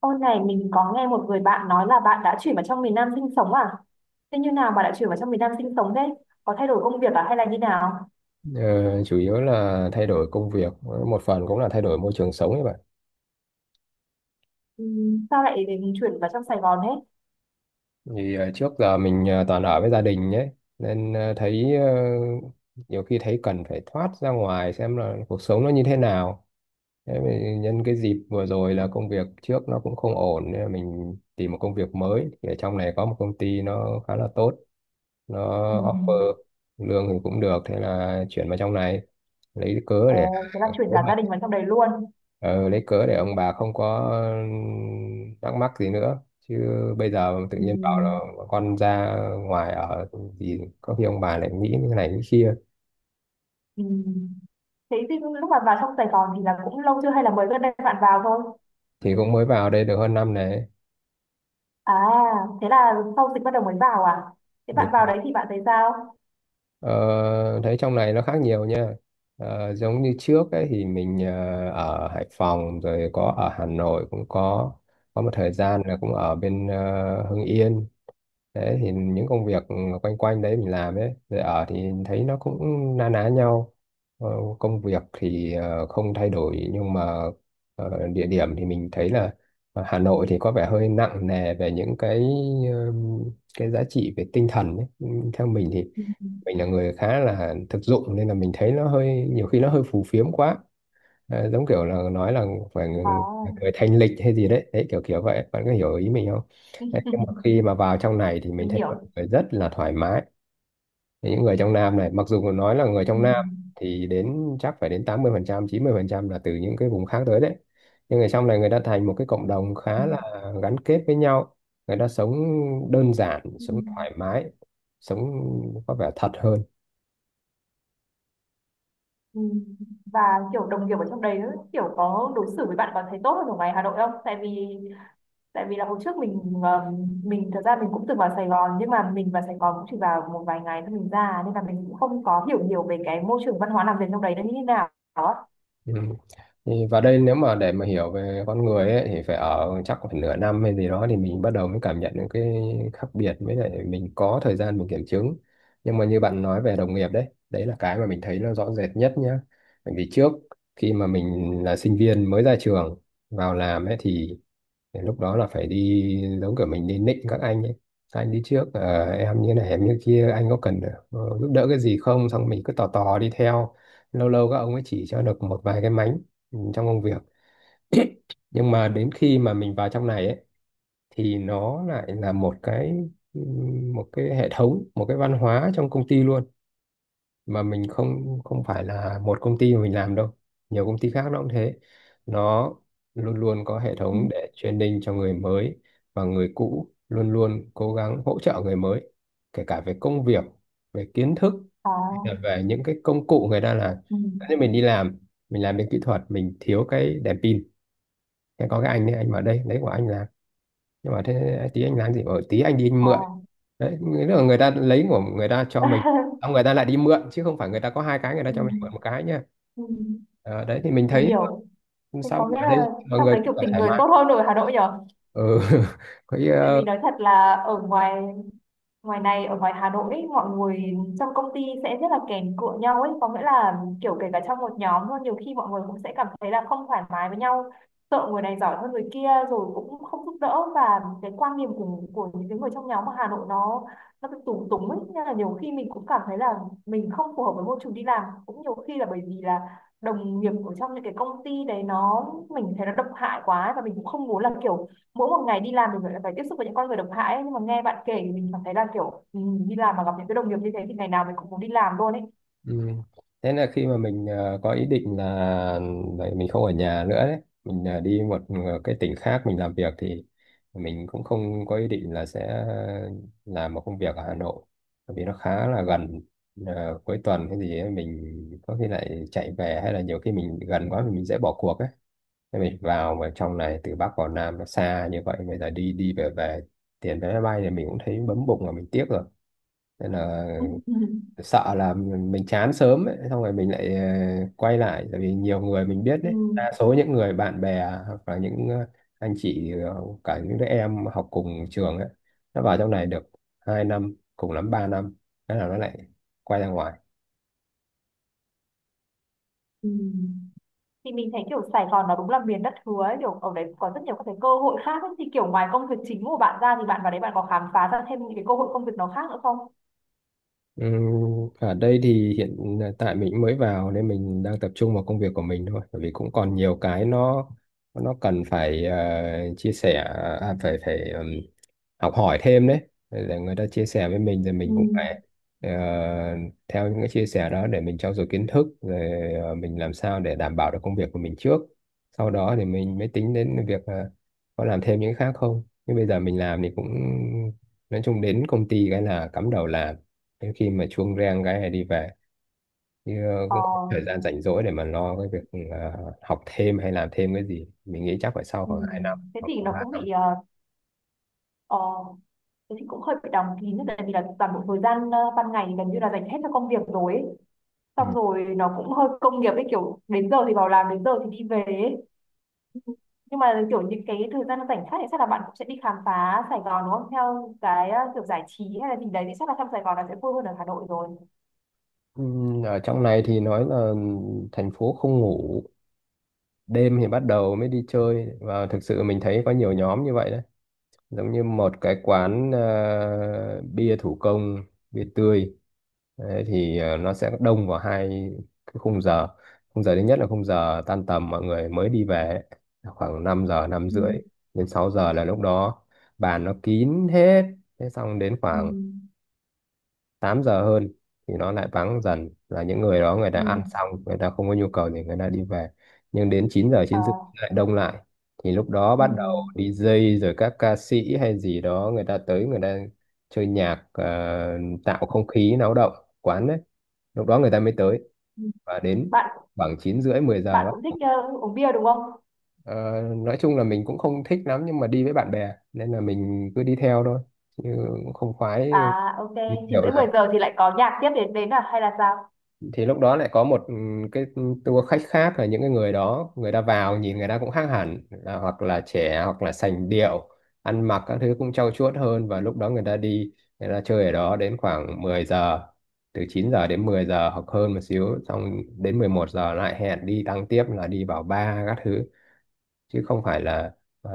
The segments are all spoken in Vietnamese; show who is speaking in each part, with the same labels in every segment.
Speaker 1: Ô này mình có nghe một người bạn nói là bạn đã chuyển vào trong miền Nam sinh sống à? Thế như nào mà đã chuyển vào trong miền Nam sinh sống thế? Có thay đổi công việc à hay là như nào?
Speaker 2: Ờ, Chủ yếu là thay đổi công việc, một phần cũng là thay đổi môi trường sống ấy bạn.
Speaker 1: Ừ, sao lại đến chuyển vào trong Sài Gòn thế?
Speaker 2: Thì trước giờ mình toàn ở với gia đình nhé, nên thấy nhiều khi thấy cần phải thoát ra ngoài xem là cuộc sống nó như thế nào. Thế thì nhân cái dịp vừa rồi là công việc trước nó cũng không ổn, nên là mình tìm một công việc mới thì ở trong này có một công ty nó khá là tốt, nó
Speaker 1: Ừ.
Speaker 2: offer lương thì cũng được, thế là chuyển vào trong này. Lấy cớ, ừ, để
Speaker 1: Ồ, thế là chuyển cả gia đình vào trong đấy luôn.
Speaker 2: ờ, lấy cớ để ông bà không có thắc mắc gì nữa, chứ bây giờ tự
Speaker 1: Ừ.
Speaker 2: nhiên bảo là con ra ngoài ở thì có khi ông bà lại nghĩ như này nghĩ kia.
Speaker 1: Ừ. Thế thì lúc mà vào trong Sài Gòn thì là cũng lâu chưa hay là mới gần đây bạn vào thôi?
Speaker 2: Thì cũng mới vào đây được hơn năm này.
Speaker 1: À, thế là sau dịch bắt đầu mới vào à? Thế bạn
Speaker 2: Đúng.
Speaker 1: vào đấy thì bạn thấy sao?
Speaker 2: Ờ, Thấy trong này nó khác nhiều nha. Giống như trước ấy thì mình ở Hải Phòng rồi, có ở Hà Nội cũng có một thời gian là cũng ở bên Hưng Yên. Thế thì những công việc quanh quanh đấy mình làm ấy, rồi ở thì thấy nó cũng na ná nhau. Ờ, Công việc thì không thay đổi, nhưng mà địa điểm thì mình thấy là Hà Nội thì có vẻ hơi nặng nề về những ừm, cái giá trị về tinh thần ấy. Theo mình thì
Speaker 1: Ừ.
Speaker 2: mình là người khá là thực dụng, nên là mình thấy nó hơi, nhiều khi nó hơi phù phiếm quá. Giống kiểu là nói là phải
Speaker 1: À,
Speaker 2: người thanh lịch hay gì đấy đấy, kiểu kiểu vậy, bạn có hiểu ý mình không? Đấy, nhưng mà khi mà vào trong này thì mình
Speaker 1: mình
Speaker 2: thấy mọi
Speaker 1: hiểu.
Speaker 2: người rất là thoải mái. Thì những người trong Nam này, mặc dù nói là người
Speaker 1: Ừ.
Speaker 2: trong Nam thì đến chắc phải đến 80 phần trăm 90 phần trăm là từ những cái vùng khác tới đấy, nhưng người trong này người ta thành một cái cộng đồng
Speaker 1: Ừ.
Speaker 2: khá là gắn kết với nhau. Người ta sống đơn giản,
Speaker 1: Ừ.
Speaker 2: sống thoải mái, sống có vẻ thật hơn.
Speaker 1: Ừ. Và kiểu đồng nghiệp ở trong đấy kiểu có đối xử với bạn còn thấy tốt hơn ở ngoài Hà Nội không? Tại vì là hồi trước mình thật ra mình cũng từng vào Sài Gòn, nhưng mà mình vào Sài Gòn cũng chỉ vào một vài ngày thôi mình ra, nên là mình cũng không có hiểu nhiều về cái môi trường văn hóa làm việc trong đấy nó như thế nào. Đó.
Speaker 2: Ừ. Thì vào đây nếu mà để mà hiểu về con người ấy, thì phải ở chắc khoảng nửa năm hay gì đó thì mình bắt đầu mới cảm nhận những cái khác biệt, với lại mình có thời gian mình kiểm chứng. Nhưng mà như bạn nói về đồng nghiệp đấy, đấy là cái mà mình thấy nó rõ rệt nhất nhá. Bởi vì trước khi mà mình là sinh viên mới ra trường vào làm ấy thì lúc đó là phải đi, giống kiểu mình đi nịnh các anh ấy, "Các anh đi trước em như này em như kia, anh có cần giúp đỡ cái gì không", xong mình cứ tò tò đi theo, lâu lâu các ông ấy chỉ cho được một vài cái mánh, ừ, trong công việc. Nhưng mà đến khi mà mình vào trong này ấy, thì nó lại là một cái, ừ, một cái hệ thống, một cái văn hóa trong công ty luôn. Mà mình không không phải là một công ty mà mình làm đâu, nhiều công ty khác nó cũng thế. Nó luôn luôn có hệ
Speaker 1: Ừ.
Speaker 2: thống để training cho người mới, và người cũ luôn luôn cố gắng hỗ trợ người mới, kể cả về công việc, về kiến thức hay
Speaker 1: À,
Speaker 2: là về những cái công cụ người ta làm.
Speaker 1: ừ,
Speaker 2: Thế nên mình đi làm, mình làm bên kỹ thuật, mình thiếu cái đèn pin, thế có cái anh ấy, anh vào đây lấy của anh làm, nhưng mà thế tí anh làm gì ở tí anh đi anh mượn.
Speaker 1: à.
Speaker 2: Đấy nghĩa là người ta lấy của người ta cho mình, xong người ta lại đi mượn, chứ không phải người ta có hai cái người ta
Speaker 1: Ừ,
Speaker 2: cho mình mượn một cái nha.
Speaker 1: ừ,
Speaker 2: Đấy thì mình
Speaker 1: mình
Speaker 2: thấy
Speaker 1: hiểu. Thế
Speaker 2: sao
Speaker 1: có
Speaker 2: mà
Speaker 1: nghĩa
Speaker 2: ở đây
Speaker 1: là
Speaker 2: mọi
Speaker 1: trong
Speaker 2: người
Speaker 1: đấy
Speaker 2: cũng
Speaker 1: kiểu
Speaker 2: phải
Speaker 1: tình
Speaker 2: thoải
Speaker 1: người
Speaker 2: mái.
Speaker 1: tốt hơn ở Hà Nội nhở?
Speaker 2: Ừ. Cái,
Speaker 1: Tại vì nói thật là ở ngoài ngoài này, ở ngoài Hà Nội ấy, mọi người trong công ty sẽ rất là kèm cựa nhau ấy, có nghĩa là kiểu kể cả trong một nhóm luôn nhiều khi mọi người cũng sẽ cảm thấy là không thoải mái với nhau, sợ người này giỏi hơn người kia rồi cũng không giúp đỡ, và cái quan điểm của những cái người trong nhóm ở Hà Nội nó cứ túng túng ấy, nên là nhiều khi mình cũng cảm thấy là mình không phù hợp với môi trường đi làm, cũng nhiều khi là bởi vì là đồng nghiệp ở trong những cái công ty đấy nó, mình thấy nó độc hại quá, và mình cũng không muốn là kiểu mỗi một ngày đi làm mình lại phải tiếp xúc với những con người độc hại ấy. Nhưng mà nghe bạn kể thì mình cảm thấy là kiểu ừ, đi làm mà gặp những cái đồng nghiệp như thế thì ngày nào mình cũng muốn đi làm luôn ấy.
Speaker 2: ừ. Thế là khi mà mình có ý định là vậy mình không ở nhà nữa đấy, mình đi một cái tỉnh khác mình làm việc, thì mình cũng không có ý định là sẽ làm một công việc ở Hà Nội, bởi vì nó khá là gần. Cuối tuần cái gì ấy, mình có khi lại chạy về, hay là nhiều khi mình gần quá thì mình dễ bỏ cuộc ấy. Thế mình vào mà trong này từ Bắc vào Nam nó xa như vậy, bây giờ đi đi về về tiền vé máy bay thì mình cũng thấy bấm bụng là mình tiếc rồi. Nên là sợ là mình chán sớm ấy, xong rồi mình lại quay lại. Tại vì nhiều người mình biết đấy,
Speaker 1: Ừ.
Speaker 2: đa số những người bạn bè, hoặc là những anh chị, cả những đứa em học cùng trường ấy, nó vào trong này được 2 năm, cùng lắm 3 năm, thế là nó lại quay ra ngoài.
Speaker 1: Ừ. Thì mình thấy kiểu Sài Gòn nó đúng là miền đất hứa ấy. Kiểu ở đấy có rất nhiều các cái cơ hội khác ấy. Thì kiểu ngoài công việc chính của bạn ra thì bạn vào đấy bạn có khám phá ra thêm những cái cơ hội công việc nó khác nữa không?
Speaker 2: Ừ, ở đây thì hiện tại mình cũng mới vào nên mình đang tập trung vào công việc của mình thôi, bởi vì cũng còn nhiều cái nó cần phải chia sẻ, à, phải phải học hỏi thêm đấy. Để người ta chia sẻ với mình thì
Speaker 1: Ừ.
Speaker 2: mình cũng phải ờ, theo những cái chia sẻ đó để mình trau dồi kiến thức, rồi mình làm sao để đảm bảo được công việc của mình trước, sau đó thì mình mới tính đến việc có làm thêm những cái khác không. Nhưng bây giờ mình làm thì cũng, nói chung đến công ty cái là cắm đầu làm, đến khi mà chuông reng cái này đi về, chứ
Speaker 1: Ờ,
Speaker 2: cũng không có thời gian rảnh rỗi để mà lo cái việc học thêm hay làm thêm cái gì. Mình nghĩ chắc phải sau
Speaker 1: ừ.
Speaker 2: khoảng hai năm
Speaker 1: thế
Speaker 2: hoặc
Speaker 1: thì
Speaker 2: là
Speaker 1: nó
Speaker 2: 3
Speaker 1: cũng
Speaker 2: năm.
Speaker 1: bị ờ, ờ, thế thì cũng hơi bị đóng kín, tại vì là toàn bộ thời gian ban ngày thì gần như là dành hết cho công việc rồi ấy.
Speaker 2: Ừ.
Speaker 1: Xong rồi nó cũng hơi công nghiệp ấy, kiểu đến giờ thì vào làm, đến giờ thì đi về ấy. Nhưng mà kiểu những cái thời gian rảnh khác thì chắc là bạn cũng sẽ đi khám phá Sài Gòn đúng không, theo cái kiểu giải trí hay là gì đấy thì chắc là trong Sài Gòn là sẽ vui hơn ở Hà Nội rồi.
Speaker 2: Ừ, ở trong này thì nói là thành phố không ngủ, đêm thì bắt đầu mới đi chơi, và thực sự mình thấy có nhiều nhóm như vậy đấy. Giống như một cái quán bia thủ công, bia tươi, đấy, thì nó sẽ đông vào hai cái khung giờ. Khung giờ thứ nhất là khung giờ tan tầm mọi người mới đi về ấy, là khoảng 5 giờ 5
Speaker 1: Ừ,
Speaker 2: rưỡi đến 6 giờ, là lúc đó bàn nó kín hết. Thế xong đến
Speaker 1: ừ,
Speaker 2: khoảng 8 giờ hơn thì nó lại vắng dần, là những người đó người ta
Speaker 1: ừ,
Speaker 2: ăn xong người ta không có nhu cầu thì người ta đi về. Nhưng đến 9 giờ
Speaker 1: ờ,
Speaker 2: chín rưỡi lại đông lại, thì lúc đó
Speaker 1: ừ,
Speaker 2: bắt đầu đi DJ rồi các ca sĩ hay gì đó người ta tới, người ta chơi nhạc, tạo không khí náo động quán đấy, lúc đó người ta mới tới.
Speaker 1: ừ.
Speaker 2: Và đến
Speaker 1: bạn
Speaker 2: khoảng 9 rưỡi 10 giờ
Speaker 1: bạn
Speaker 2: bắt
Speaker 1: cũng thích
Speaker 2: đầu.
Speaker 1: uống bia đúng không?
Speaker 2: Ờ, nói chung là mình cũng không thích lắm, nhưng mà đi với bạn bè nên là mình cứ đi theo thôi, chứ cũng không khoái
Speaker 1: À, ok.
Speaker 2: đi
Speaker 1: Chín
Speaker 2: nhiều
Speaker 1: rưỡi
Speaker 2: lắm.
Speaker 1: mười giờ thì lại có nhạc tiếp đến đến à hay là sao?
Speaker 2: Thì lúc đó lại có một, ừ, cái tour khách khác, là những cái người đó người ta vào nhìn người ta cũng khác hẳn, là hoặc là trẻ hoặc là sành điệu, ăn mặc các thứ cũng trau chuốt hơn, và lúc đó người ta đi, người ta chơi ở đó đến khoảng 10 giờ, từ 9 giờ đến 10 giờ hoặc hơn một xíu, xong đến 11 giờ lại hẹn đi tăng tiếp là đi vào bar các thứ. Chứ không phải là ờ,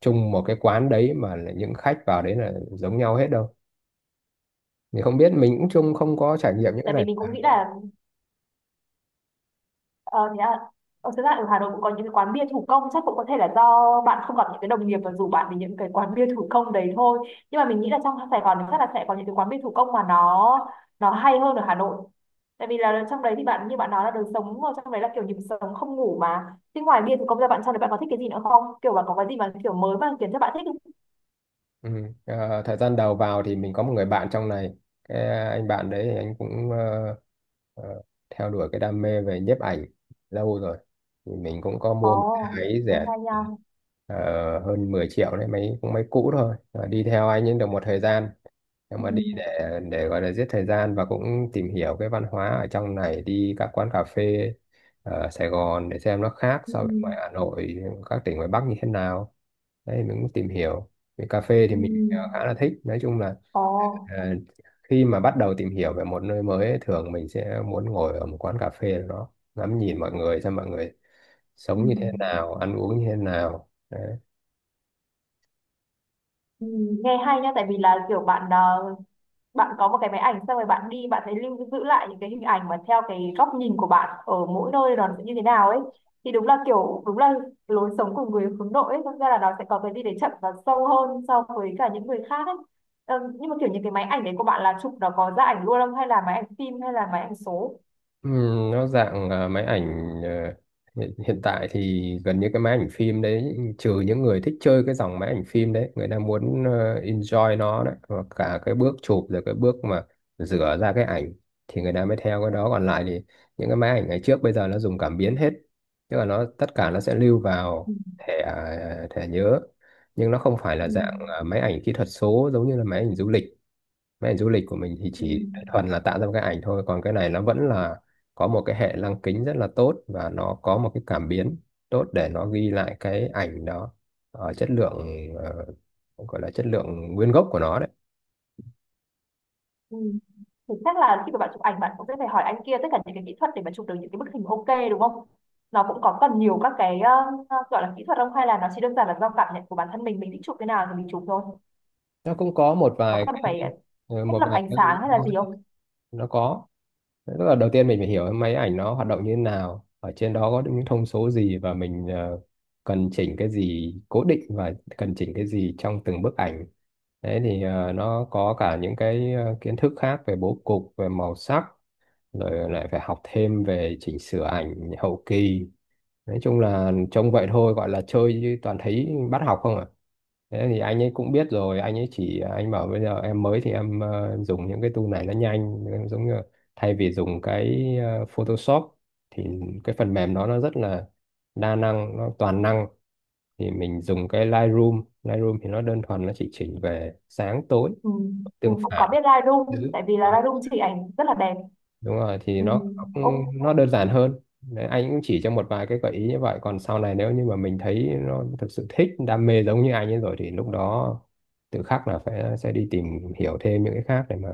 Speaker 2: chung một cái quán đấy mà là những khách vào đấy là giống nhau hết đâu. Thì không biết mình cũng chung không có trải nghiệm những cái
Speaker 1: Tại vì
Speaker 2: này.
Speaker 1: mình cũng nghĩ là Ờ, thế à, thực ra ở Hà Nội cũng có những cái quán bia thủ công, chắc cũng có thể là do bạn không gặp những cái đồng nghiệp và rủ bạn đến những cái quán bia thủ công đấy thôi, nhưng mà mình nghĩ là trong Sài Gòn thì chắc là sẽ có những cái quán bia thủ công mà nó hay hơn ở Hà Nội, tại vì là trong đấy thì bạn như bạn nói là đời sống ở trong đấy là kiểu nhịp sống không ngủ mà. Thế ngoài bia thủ công ra, bạn trong đấy bạn có thích cái gì nữa không, kiểu bạn có cái gì mà kiểu mới mà khiến cho bạn thích không?
Speaker 2: Ừ. Thời gian đầu vào thì mình có một người bạn trong này, cái anh bạn đấy thì anh cũng ờ, theo đuổi cái đam mê về nhiếp ảnh lâu rồi, thì mình cũng có
Speaker 1: Ồ,
Speaker 2: mua một cái máy
Speaker 1: thế
Speaker 2: rẻ,
Speaker 1: hay nha.
Speaker 2: hơn 10 triệu đấy, máy cũng máy cũ thôi. Ờ, đi theo anh ấy được một thời gian, nhưng
Speaker 1: Ừ,
Speaker 2: mà đi để gọi là giết thời gian và cũng tìm hiểu cái văn hóa ở trong này, đi các quán cà phê ở Sài Gòn để xem nó khác
Speaker 1: ừ,
Speaker 2: so với ngoài Hà Nội, các tỉnh ngoài Bắc như thế nào. Đấy, mình cũng tìm hiểu về cà phê, thì
Speaker 1: ừ.
Speaker 2: mình khá là thích. Nói chung là
Speaker 1: Ồ,
Speaker 2: ờ, khi mà bắt đầu tìm hiểu về một nơi mới ấy, thường mình sẽ muốn ngồi ở một quán cà phê nào đó ngắm nhìn mọi người, xem mọi người
Speaker 1: ừ.
Speaker 2: sống như thế nào, ăn uống như thế nào.
Speaker 1: Ừ, nghe hay nhá, tại vì là kiểu bạn có một cái máy ảnh xong rồi bạn đi bạn thấy lưu giữ lại những cái hình ảnh mà theo cái góc nhìn của bạn ở mỗi nơi nó sẽ như thế nào ấy, thì đúng là lối sống của người hướng nội ấy, thật ra là nó sẽ có cái đi để chậm và sâu hơn so với cả những người khác ấy. Ờ, nhưng mà kiểu những cái máy ảnh đấy của bạn là chụp nó có ra ảnh luôn không, hay là máy ảnh phim hay là máy ảnh số?
Speaker 2: Ừ, nó dạng máy ảnh, hiện tại thì gần như cái máy ảnh phim đấy, trừ những người thích chơi cái dòng máy ảnh phim đấy người ta muốn enjoy nó đấy, và cả cái bước chụp rồi cái bước mà rửa ra cái ảnh, thì người ta mới theo cái đó. Còn lại thì những cái máy ảnh ngày trước bây giờ nó dùng cảm biến hết, tức là nó tất cả nó sẽ lưu
Speaker 1: Ừ.
Speaker 2: vào thẻ, à, thẻ nhớ. Nhưng nó không phải
Speaker 1: Ừ.
Speaker 2: là dạng máy ảnh kỹ thuật số giống như là máy ảnh du lịch. Mấy ảnh du lịch của mình thì
Speaker 1: Ừ.
Speaker 2: chỉ thuần là tạo ra một cái ảnh thôi, còn cái này nó vẫn là có một cái hệ lăng kính rất là tốt, và nó có một cái cảm biến tốt để nó ghi lại cái ảnh đó ở chất lượng, ờ, gọi là chất lượng nguyên gốc của nó đấy.
Speaker 1: Ừ. Thì chắc là khi mà bạn chụp ảnh bạn cũng sẽ phải hỏi anh kia tất cả những cái kỹ thuật để mà chụp được những cái bức hình ok, đúng không? Nó cũng có cần nhiều các cái gọi là kỹ thuật không, hay là nó chỉ đơn giản là do cảm nhận của bản thân mình thích chụp cái nào thì mình chụp thôi.
Speaker 2: Nó cũng có
Speaker 1: Có cần phải thiết
Speaker 2: một
Speaker 1: lập
Speaker 2: vài
Speaker 1: ánh
Speaker 2: cái,
Speaker 1: sáng hay là gì không?
Speaker 2: nó có. Tức là đầu tiên mình phải hiểu máy ảnh nó hoạt động như thế nào, ở trên đó có những thông số gì, và mình cần chỉnh cái gì cố định và cần chỉnh cái gì trong từng bức ảnh. Đấy thì nó có cả những cái kiến thức khác về bố cục, về màu sắc, rồi lại phải học thêm về chỉnh sửa ảnh hậu kỳ. Nói chung là trông vậy thôi, gọi là chơi chứ toàn thấy bắt học không à. Thế thì anh ấy cũng biết rồi, anh ấy chỉ, anh bảo bây giờ em mới thì em dùng những cái tool này nó nhanh em, giống như là thay vì dùng cái Photoshop thì cái phần mềm đó nó rất là đa năng, nó toàn năng, thì mình dùng cái Lightroom. Lightroom thì nó đơn thuần nó chỉ chỉnh về sáng tối,
Speaker 1: Ừ.
Speaker 2: tương
Speaker 1: Mình cũng có
Speaker 2: phản.
Speaker 1: biết Lightroom,
Speaker 2: Ừ,
Speaker 1: tại vì là Lightroom chỉ ảnh rất là đẹp.
Speaker 2: đúng rồi, thì
Speaker 1: Ừ. Ô,
Speaker 2: nó đơn giản hơn. Đấy, anh cũng chỉ cho một vài cái gợi ý như vậy. Còn sau này nếu như mà mình thấy nó thực sự thích đam mê giống như anh ấy rồi, thì lúc đó tự khắc là phải sẽ đi tìm hiểu thêm những cái khác để mà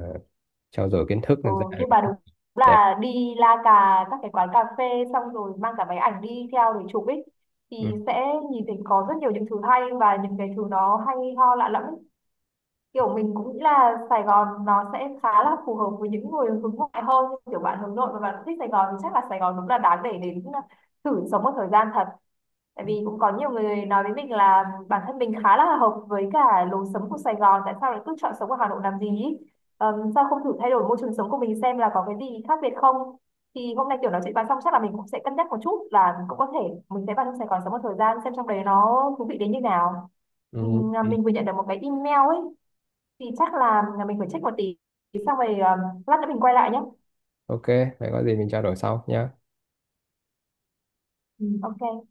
Speaker 2: trau dồi kiến thức
Speaker 1: ừ.
Speaker 2: là ra được
Speaker 1: Nhưng mà
Speaker 2: những
Speaker 1: đúng
Speaker 2: cái đẹp.
Speaker 1: là đi la cà các cái quán cà phê xong rồi mang cả máy ảnh đi theo để chụp ấy
Speaker 2: Ừ.
Speaker 1: thì sẽ nhìn thấy có rất nhiều những thứ hay và những cái thứ nó hay ho lạ lẫm. Kiểu mình cũng nghĩ là Sài Gòn nó sẽ khá là phù hợp với những người hướng ngoại hơn, nhưng kiểu bạn hướng nội và bạn thích Sài Gòn thì chắc là Sài Gòn đúng là đáng để đến à, thử sống một thời gian thật, tại vì cũng có nhiều người nói với mình là bản thân mình khá là hợp với cả lối sống của Sài Gòn, tại sao lại cứ chọn sống ở Hà Nội làm gì ý? Sao không thử thay đổi môi trường sống của mình xem là có cái gì khác biệt không, thì hôm nay kiểu nói chuyện bàn xong chắc là mình cũng sẽ cân nhắc một chút là mình cũng có thể mình sẽ vào trong Sài Gòn sống một thời gian xem trong đấy nó thú vị đến như nào.
Speaker 2: Ừ.
Speaker 1: À, mình vừa nhận được một cái email ấy, thì chắc là mình phải check một tí, xong rồi lát nữa mình quay lại nhé.
Speaker 2: Ok, vậy có gì mình trao đổi sau nhé.
Speaker 1: Ừ, ok.